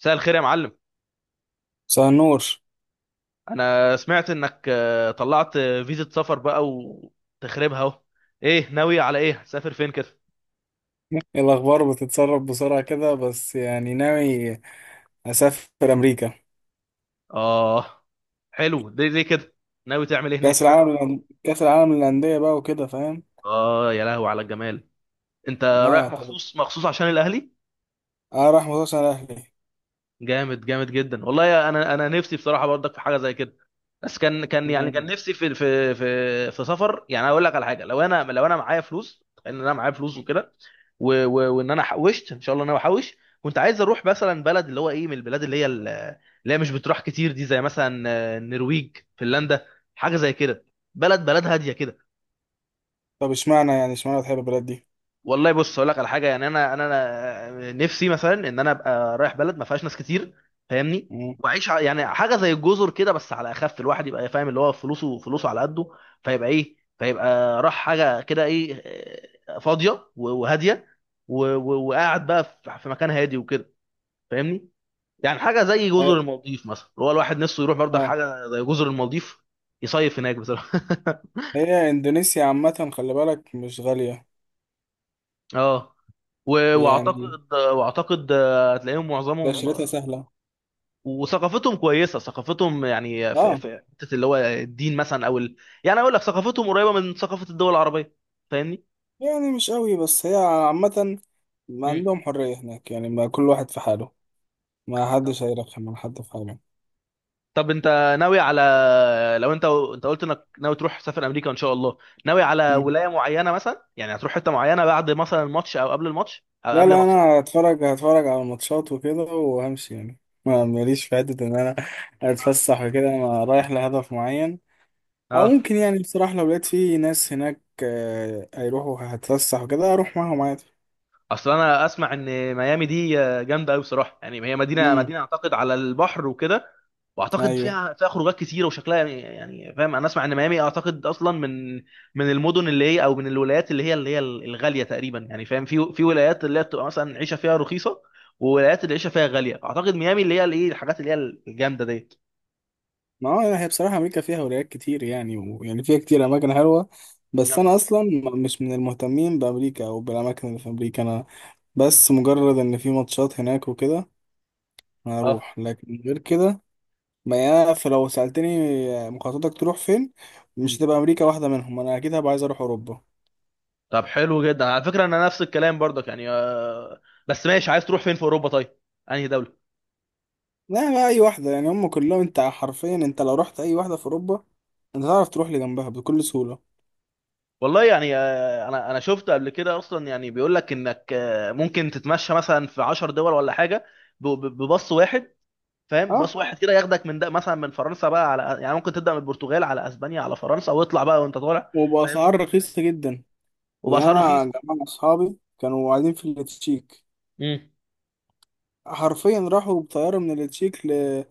مساء الخير يا معلم. مساء النور. انا سمعت انك طلعت فيزا سفر بقى وتخربها اهو. ايه، ناوي على ايه؟ سافر فين كده؟ إيه الأخبار بتتسرب بسرعة كده؟ بس يعني ناوي أسافر أمريكا. اه، حلو. ليه كده؟ ناوي تعمل ايه هناك؟ كأس حاجه العالم معينه؟ كأس العالم للأندية بقى وكده، فاهم؟ اه يا لهو على الجمال. انت رايح اه، طب. مخصوص مخصوص عشان الاهلي؟ اه، راح مخصوص على أهلي. جامد جامد جدا والله، انا نفسي بصراحه برضك في حاجه زي كده. بس كان يعني كان آه. نفسي في سفر. يعني اقول لك على حاجه، لو انا معايا فلوس، ان انا معايا فلوس وكده، وان انا حوشت ان شاء الله، إن انا بحوش. كنت عايز اروح مثلا بلد اللي هو ايه، من البلاد اللي هي مش بتروح كتير دي، زي مثلا النرويج، فنلندا، حاجه زي كده. بلد بلد هاديه كده. طب، اشمعنى بتحب البلد دي؟ والله بص اقول لك على حاجه، يعني انا، أنا نفسي مثلا ان انا ابقى رايح بلد ما فيهاش ناس كتير. فاهمني؟ مم. واعيش يعني حاجه زي الجزر كده، بس على اخف. الواحد يبقى فاهم اللي هو فلوسه فلوسه على قده، فيبقى ايه، فيبقى راح حاجه كده، ايه، فاضيه و وهاديه و- و- وقاعد بقى في مكان هادي وكده. فاهمني؟ يعني حاجه زي اه. جزر المالديف مثلا، هو الواحد نفسه يروح برضك آه. حاجه زي جزر المالديف يصيف هناك بصراحه هي إندونيسيا عامة، خلي بالك، مش غالية اه، يعني، واعتقد هتلاقيهم معظمهم تأشيرتها سهلة. وثقافتهم كويسه. ثقافتهم يعني في اه حته اللي هو الدين مثلا او ال... يعني اقول لك، ثقافتهم قريبه من ثقافه الدول العربيه. فاهمني؟ يعني، مش قوي بس هي عامة. ما مم. عندهم حرية هناك يعني، ما كل واحد في حاله. ما طب حدش هيرخم على حد في حاله. طب انت ناوي على، لو انت قلت انك ناوي تروح سفر امريكا ان شاء الله، ناوي على مم. ولايه معينه؟ مثلا يعني هتروح حته معينه بعد مثلا الماتش، او قبل الماتش، او لا، قبل لا، ماتش؟ انا اه. هتفرج على الماتشات وكده وهمشي يعني. ما ماليش في حته ان انا اتفسح وكده. انا رايح لهدف معين. او اه. ممكن يعني، بصراحه، لو لقيت في ناس هناك هيروحوا هتفسح وكده، اروح معاهم عادي. اصل انا اسمع ان ميامي دي جامده قوي بصراحه. يعني هي مدينه امم. مدينه اعتقد على البحر وكده، واعتقد ايوه. فيها خروجات كتيره وشكلها يعني، فاهم، انا اسمع ان ميامي اعتقد اصلا من من المدن اللي هي، او من الولايات اللي هي الغاليه تقريبا يعني. فاهم؟ في ولايات اللي هي بتبقى مثلا العيشه فيها رخيصه، وولايات اللي العيشه فيها غاليه. اعتقد ميامي اللي هي الايه، الحاجات اللي هي الجامده ديت. ما هو هي بصراحه امريكا فيها ولايات كتير يعني فيها كتير اماكن حلوه. بس نعم. انا اصلا مش من المهتمين بامريكا او بالاماكن اللي في امريكا. انا بس مجرد ان في ماتشات هناك وكده اه. هروح، لكن غير كده. ما يا فلو سألتني، مخططك تروح فين؟ مش مم. هتبقى أمريكا واحدة منهم. أنا أكيد هبقى عايز أروح أوروبا. طب حلو جدا. على فكره انا نفس الكلام برضك يعني بس ماشي. عايز تروح فين في اوروبا طيب؟ انهي دوله؟ لا بقى، أي واحدة يعني هم كلهم. أنت حرفيا لو رحت أي واحدة في أوروبا، أنت تعرف تروح لجنبها بكل سهولة. والله يعني انا شفت قبل كده اصلا، يعني بيقول لك انك ممكن تتمشى مثلا في 10 دول ولا حاجه بباص واحد. فاهم؟ أه. باص واحد كده ياخدك من ده مثلا، من فرنسا بقى على، يعني ممكن تبدا من البرتغال على اسبانيا على فرنسا، واطلع بقى وانت طالع. فاهم؟ وبأسعار رخيصة جدا. يعني وباسعار أنا رخيصه. جماعة أصحابي كانوا قاعدين في التشيك، امم. حرفيا راحوا بطيارة من التشيك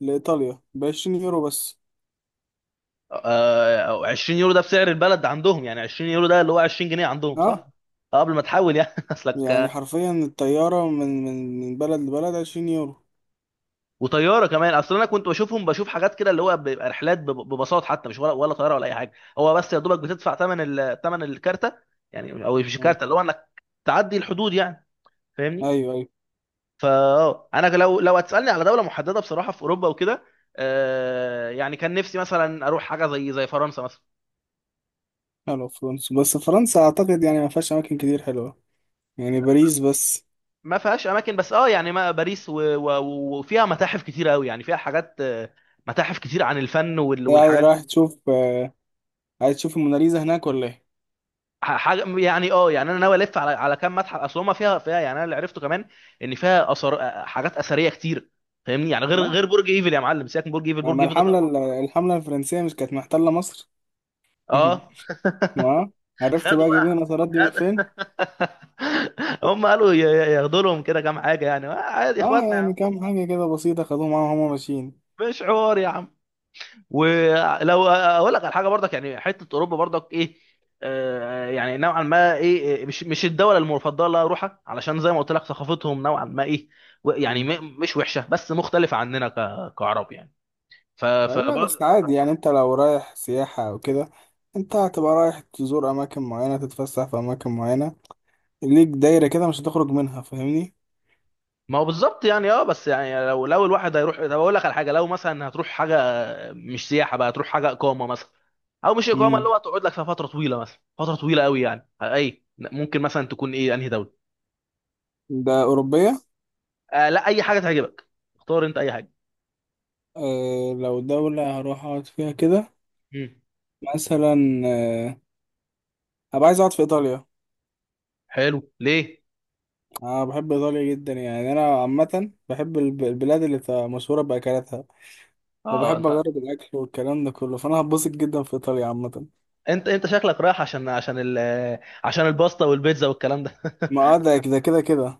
لإيطاليا بـ20 يورو بس. آه، 20 يورو ده بسعر البلد عندهم؟ يعني 20 يورو ده اللي هو 20 جنيه عندهم أه صح؟ قبل ما تحول يعني يعني، اصلك. حرفيا الطيارة من بلد لبلد 20 يورو. وطياره كمان. اصل انا كنت بشوفهم بشوف حاجات كده، اللي هو بيبقى رحلات بباصات حتى، مش ولا طياره ولا اي حاجه. هو بس يا دوبك بتدفع ثمن الكارته يعني، او مش مم. الكارته، اللي هو انك تعدي الحدود يعني. فاهمني؟ أيوه، أيوه. فا انا لو هتسالني على دوله محدده بصراحه في اوروبا وكده، آه يعني كان نفسي مثلا اروح حاجه زي فرنسا مثلا. حلو. فرنسا، بس فرنسا اعتقد يعني ما فيهاش اماكن كتير حلوه، يعني باريس بس. ما فيهاش اماكن بس، اه يعني ما باريس، و- و- وفيها متاحف كتير قوي. يعني فيها حاجات متاحف كتير عن الفن رايح والحاجات دي. رايح تشوف آه، عايز تشوف الموناليزا هناك ولا ايه؟ حاجه يعني، اه يعني انا ناوي الف على كام متحف. اصل هما فيها يعني، انا اللي عرفته كمان ان فيها اثار، حاجات اثريه كتير. فاهمني؟ يعني غير اه. غير برج ايفل يا معلم. سيبك من برج ايفل، برج ما ايفل ده طبعا. الحمله الفرنسيه مش كانت محتله مصر؟ اه. اه. عرفت خدوا بقى جايبين بقى. النصارات دي من فين؟ خد. هم قالوا ياخدوا لهم كده كام حاجه يعني عادي، اه، اخواتنا يا عم. يعني كام حاجه كده بسيطه، خدوهم معاهم وهم ماشيين. مش حوار يا عم. ولو اقول لك على حاجه برضك، يعني حته اوروبا برضك ايه، آه يعني نوعا ما ايه، إيه، مش الدوله المفضله اللي اروحها، علشان زي ما قلت لك ثقافتهم نوعا ما ايه، و يعني مم. مش وحشه بس مختلفه عننا، كعرب يعني. ف ف لا بس عادي يعني، انت لو رايح سياحه او كده، انت هتبقى رايح تزور اماكن معينه، تتفسح في اماكن معينه، ليك دايره كده مش هتخرج منها، فاهمني؟ ما هو بالظبط. يعني اه، بس يعني لو الواحد هيروح، طب اقول لك على حاجه، لو مثلا هتروح حاجه مش سياحه بقى، هتروح حاجه اقامه مثلا، او مش اقامه، اللي امم. هو تقعد لك في فتره طويله، مثلا فتره طويله قوي يعني، اي ممكن مثلا تكون ايه، انهي دوله؟ ده اوروبيه؟ آه لا، اي حاجه تعجبك. اختار انت اي حاجه. أه، لو دولة هروح أقعد فيها كده مم. مثلا، أه أبقى عايز أقعد في إيطاليا. حلو ليه؟ أنا بحب إيطاليا جدا يعني. أنا عامة بحب البلاد اللي بتبقى مشهورة بأكلاتها. اه وبحب انت، أجرب الأكل والكلام ده كله، فأنا هتبسط جدا في إيطاليا عامة. انت شكلك رايح عشان ال، عشان الباستا والبيتزا والكلام ده ما، ده كده كده كده.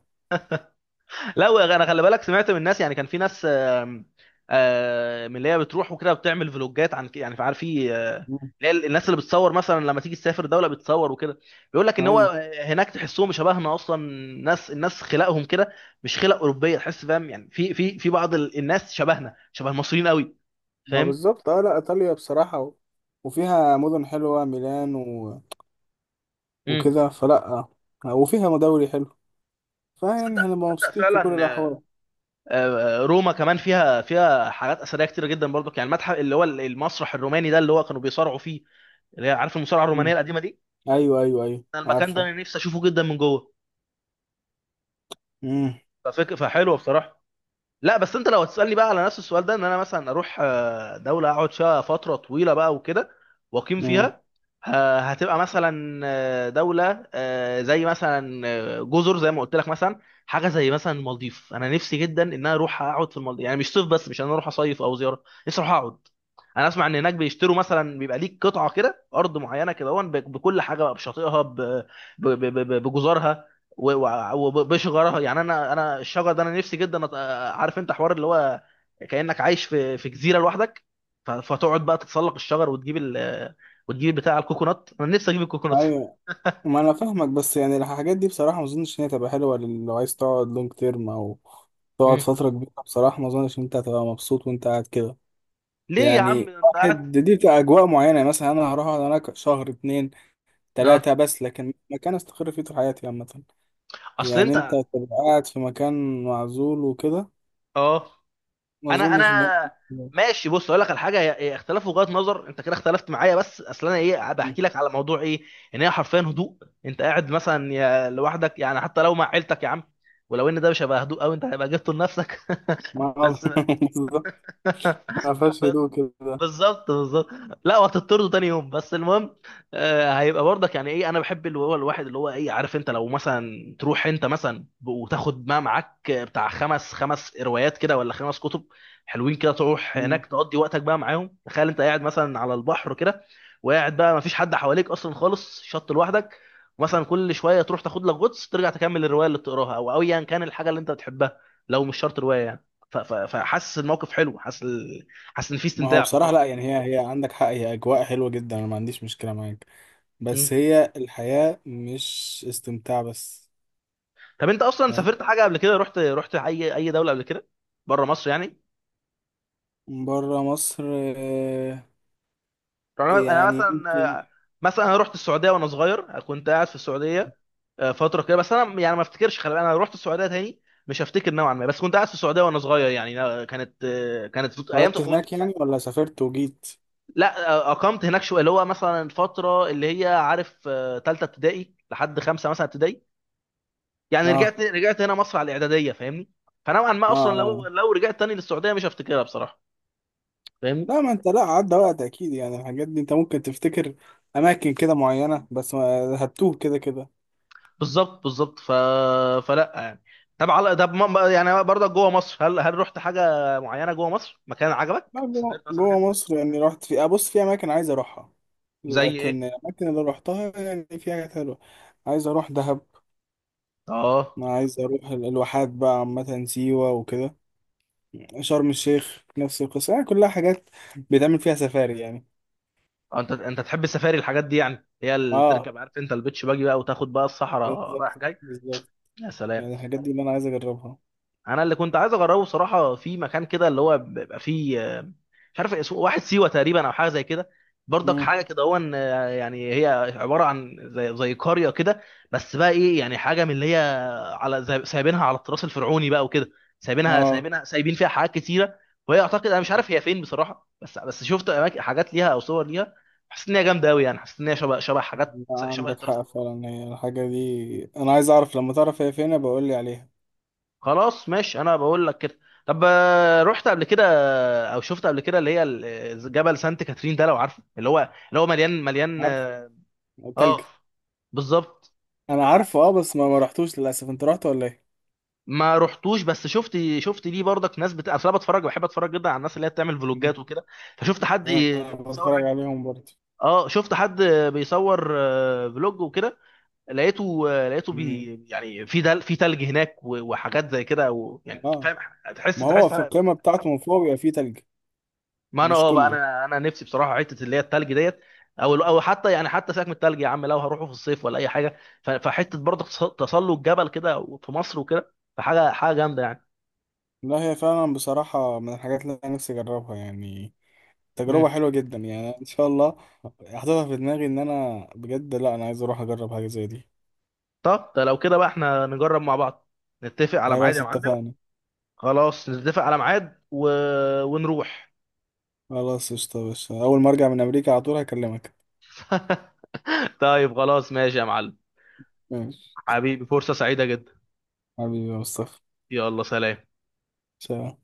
لا انا خلي بالك، سمعت من الناس. يعني كان في ناس من اللي هي بتروح وكده بتعمل فلوجات عن يعني عارف، في مم. اللي هي الناس اللي بتصور مثلا لما تيجي تسافر دوله بتصور وكده، بيقول لك ان هو أيوه. هناك تحسهم شبهنا اصلا. ناس، الناس خلقهم كده، مش خلق اوروبيه. تحس، فاهم؟ يعني في بعض الناس شبهنا، شبه المصريين قوي. ما فاهم؟ بالظبط، لأ، إيطاليا بصراحة وفيها مدن حلوة، ميلان امم. وكده، فلأ، وفيها مدوري حلو. فيعني تصدق هنبقى تصدق مبسوطين في كل فعلا. الأحوال. روما كمان فيها حاجات اثريه كتير جدا برضك. يعني المتحف اللي هو المسرح الروماني ده اللي هو كانوا بيصارعوا فيه، اللي هي عارف، المصارعه الرومانيه مم. القديمه دي. أيوه، أيوه، أيوه، انا المكان ده عارفه. انا نفسي اشوفه جدا من جوه. مم. فحلوه بصراحه. لا بس انت لو هتسالني بقى على نفس السؤال ده، ان انا مثلا اروح دوله اقعد فيها فتره طويله بقى وكده واقيم مم. فيها، هتبقى مثلا دوله زي مثلا جزر، زي ما قلت لك مثلا، حاجه زي مثلا المالديف. انا نفسي جدا ان انا اروح اقعد في المالديف، يعني مش صيف بس، مش ان انا اروح اصيف او زياره، نفسي اروح اقعد. انا اسمع ان هناك بيشتروا مثلا، بيبقى ليك قطعه كده ارض معينه كده، هون بكل حاجه بقى، بشاطئها، بجزرها، و- و- وبشجرها. يعني انا الشجر ده انا نفسي جدا عارف انت حوار اللي هو كانك عايش في جزيره لوحدك، فتقعد بقى تتسلق الشجر وتجيب ال، وتجيب بتاع الكوكونات. انا نفسي اجيب الكوكونات ايوه، ما انا فاهمك، بس يعني الحاجات دي بصراحه ما اظنش ان هي تبقى حلوه لو عايز تقعد لونج تيرم، او تقعد مم. فتره كبيره. بصراحه ما اظنش ان انت هتبقى مبسوط وانت قاعد كده. ليه يا عم؟ يعني، ده انت واحد قاعد. دي بتبقى اجواء معينه، يعني مثلا انا هروح اقعد هناك شهر، اتنين، اه، تلاته بس، لكن مكان استقر فيه طول حياتي عامه. اصل يعني انت انت. تبقى قاعد في مكان معزول وكده. اه ما انا اظنش ان هي-. انا ماشي. بص اقول لك على حاجه، هي اختلاف وجهات نظر. انت كده اختلفت معايا، بس اصل انا ايه، بحكي لك على موضوع ايه، ان هي حرفيا هدوء. انت قاعد مثلا يا لوحدك، يعني حتى لو مع عيلتك يا عم، ولو ان ده مش هيبقى هدوء قوي، انت هيبقى جبته لنفسك ما بس. بالظبط، ما فيهاش هدوء كده. بالظبط، بالظبط. لا وهتطرده تاني يوم، بس المهم، آه هيبقى برضك يعني ايه. انا بحب اللي هو الواحد اللي هو ايه، عارف انت، لو مثلا تروح انت مثلا وتاخد ما معاك بتاع خمس روايات كده ولا خمس كتب حلوين كده، تروح مم. هناك تقضي وقتك بقى معاهم. تخيل انت قاعد مثلا على البحر كده، وقاعد بقى ما فيش حد حواليك اصلا خالص، شط لوحدك، مثلا كل شويه تروح تاخد لك غطس، ترجع تكمل الروايه اللي بتقراها، او ايا كان الحاجه اللي انت بتحبها، لو مش شرط روايه يعني. فحاسس الموقف حلو. حاسس، حاسس ان في ما هو استمتاع في بصراحه الحوار. لا، يعني هي عندك حق، هي اجواء حلوه جدا، انا ما عنديش مشكله معاك، مم. بس هي الحياة مش استمتاع بس. طب انت اصلا فاهم. سافرت حاجه قبل كده؟ رحت اي دوله قبل كده بره مصر يعني؟ بره مصر. آه، يعني انا، يعني ممكن. مثلا، مثلا انا رحت السعوديه وانا صغير. كنت قاعد في السعوديه فتره كده، بس انا يعني ما افتكرش، خلي بالك، انا رحت السعوديه تاني مش هفتكر نوعا ما، بس كنت قاعد في السعوديه وانا صغير. يعني أنا كانت كانت ايام اتولدت طفولتي هناك بصراحه. يعني ولا سافرت وجيت؟ لا اقمت هناك شويه، اللي هو مثلا الفتره اللي هي عارف، ثالثه ابتدائي لحد خمسه مثلا ابتدائي. يعني اه، رجعت هنا مصر على الاعداديه. فاهمني؟ فنوعا ما اه، اصلا لو اه. رجعت تاني للسعوديه مش هفتكرها بصراحه. فاهمني؟ لا، ما انت، لا عدى وقت اكيد يعني، الحاجات دي انت ممكن تفتكر اماكن كده معينة، بس هتوه كده كده. بالظبط، بالظبط فلا يعني. طب على، طب ما-، يعني برضك جوه مصر، هل رحت حاجه معينه جوه مصر؟ مكان عجبك لا، جوه سافرت مثلا؟ جوه مكان مصر يعني، رحت في، ابص، في اماكن عايز اروحها. زي ايه؟ لكن الاماكن اللي روحتها يعني، في حاجات حلوة. عايز اروح دهب. اه. ما عايز اروح الواحات بقى عامة، سيوة وكده. شرم الشيخ نفس القصة، يعني كلها حاجات بيتعمل فيها سفاري يعني. انت تحب السفاري الحاجات دي؟ يعني هي اللي اه. تركب، عارف انت البيتش باجي بقى، وتاخد بقى الصحراء بالظبط. رايح جاي. بالظبط. يا سلام. يعني الحاجات دي اللي انا عايز اجربها. انا اللي كنت عايز اجربه بصراحه، في مكان كده اللي هو بيبقى فيه مش عارف اسمه، واحد سيوه تقريبا او حاجه زي كده. برضك مم. حاجه كده، هو إن، يعني هي عباره عن زي قريه كده، بس بقى ايه، يعني حاجه من اللي هي، على سايبينها على التراث الفرعوني بقى وكده. سايبينها اه. سايبينها سايبين فيها حاجات كتيره، وهي اعتقد انا مش عارف هي فين بصراحه، بس شفت أماكن-، حاجات ليها او صور ليها، حسيت ان هي جامده قوي. يعني حسيت ان هي شبه حاجات، لا، شبه عندك التراث حق الفرعوني. فعلا، هي الحاجة دي انا عايز اعرف، لما تعرف هي فين بقول لي عليها. خلاص، ماشي انا بقول لك كده. طب رحت قبل كده او شفت قبل كده اللي هي جبل سانت كاترين ده، لو عارفه، اللي هو، اللي هو مليان مليان. عارف. تلج. اه. بالظبط. انا آه، عارفه، اه بس ما رحتوش للاسف، انت رحت ولا ايه؟ ما رحتوش، بس شفت ليه برضك ناس بت... اصل انا بتفرج، بحب اتفرج جدا على الناس اللي هي بتعمل مم. فلوجات وكده، فشفت حد انا بيصور بتفرج هناك فلوج. عليهم برضه. اه، شفت حد بيصور فلوج وكده. لقيته مم. بي يعني، في دل...، في تلج هناك و وحاجات زي كده، او يعني اه. فاهم، ما تحس هو تحس في القمة بتاعته من فوق بيبقى فيه تلج. ما انا، مش اه بقى كله. انا نفسي بصراحه حته اللي هي التلج ديت، او حتى يعني، حتى سيبك من التلج يا عم، لو هروحوا في الصيف ولا اي حاجه، فحته برضه تسلق جبل كده في مصر وكده، فحاجه جامده يعني. لا، هي فعلا بصراحة من الحاجات اللي انا نفسي اجربها يعني، تجربة مم. حلوة جدا يعني، ان شاء الله. حاططها في دماغي ان انا بجد، لا انا عايز اروح اجرب حاجة زي دي. طب ده لو كده بقى احنا نجرب مع بعض، نتفق على ميعاد خلاص، يا معلم. اتفقنا. خلاص نتفق على ميعاد و... ونروح. خلاص، قشطة يا باشا، اول ما ارجع من امريكا على طول هكلمك. طيب خلاص، ماشي يا معلم. ماشي. حبيبي، فرصه سعيده جدا. حبيبي يا مصطفى. يلا، سلام. سلام.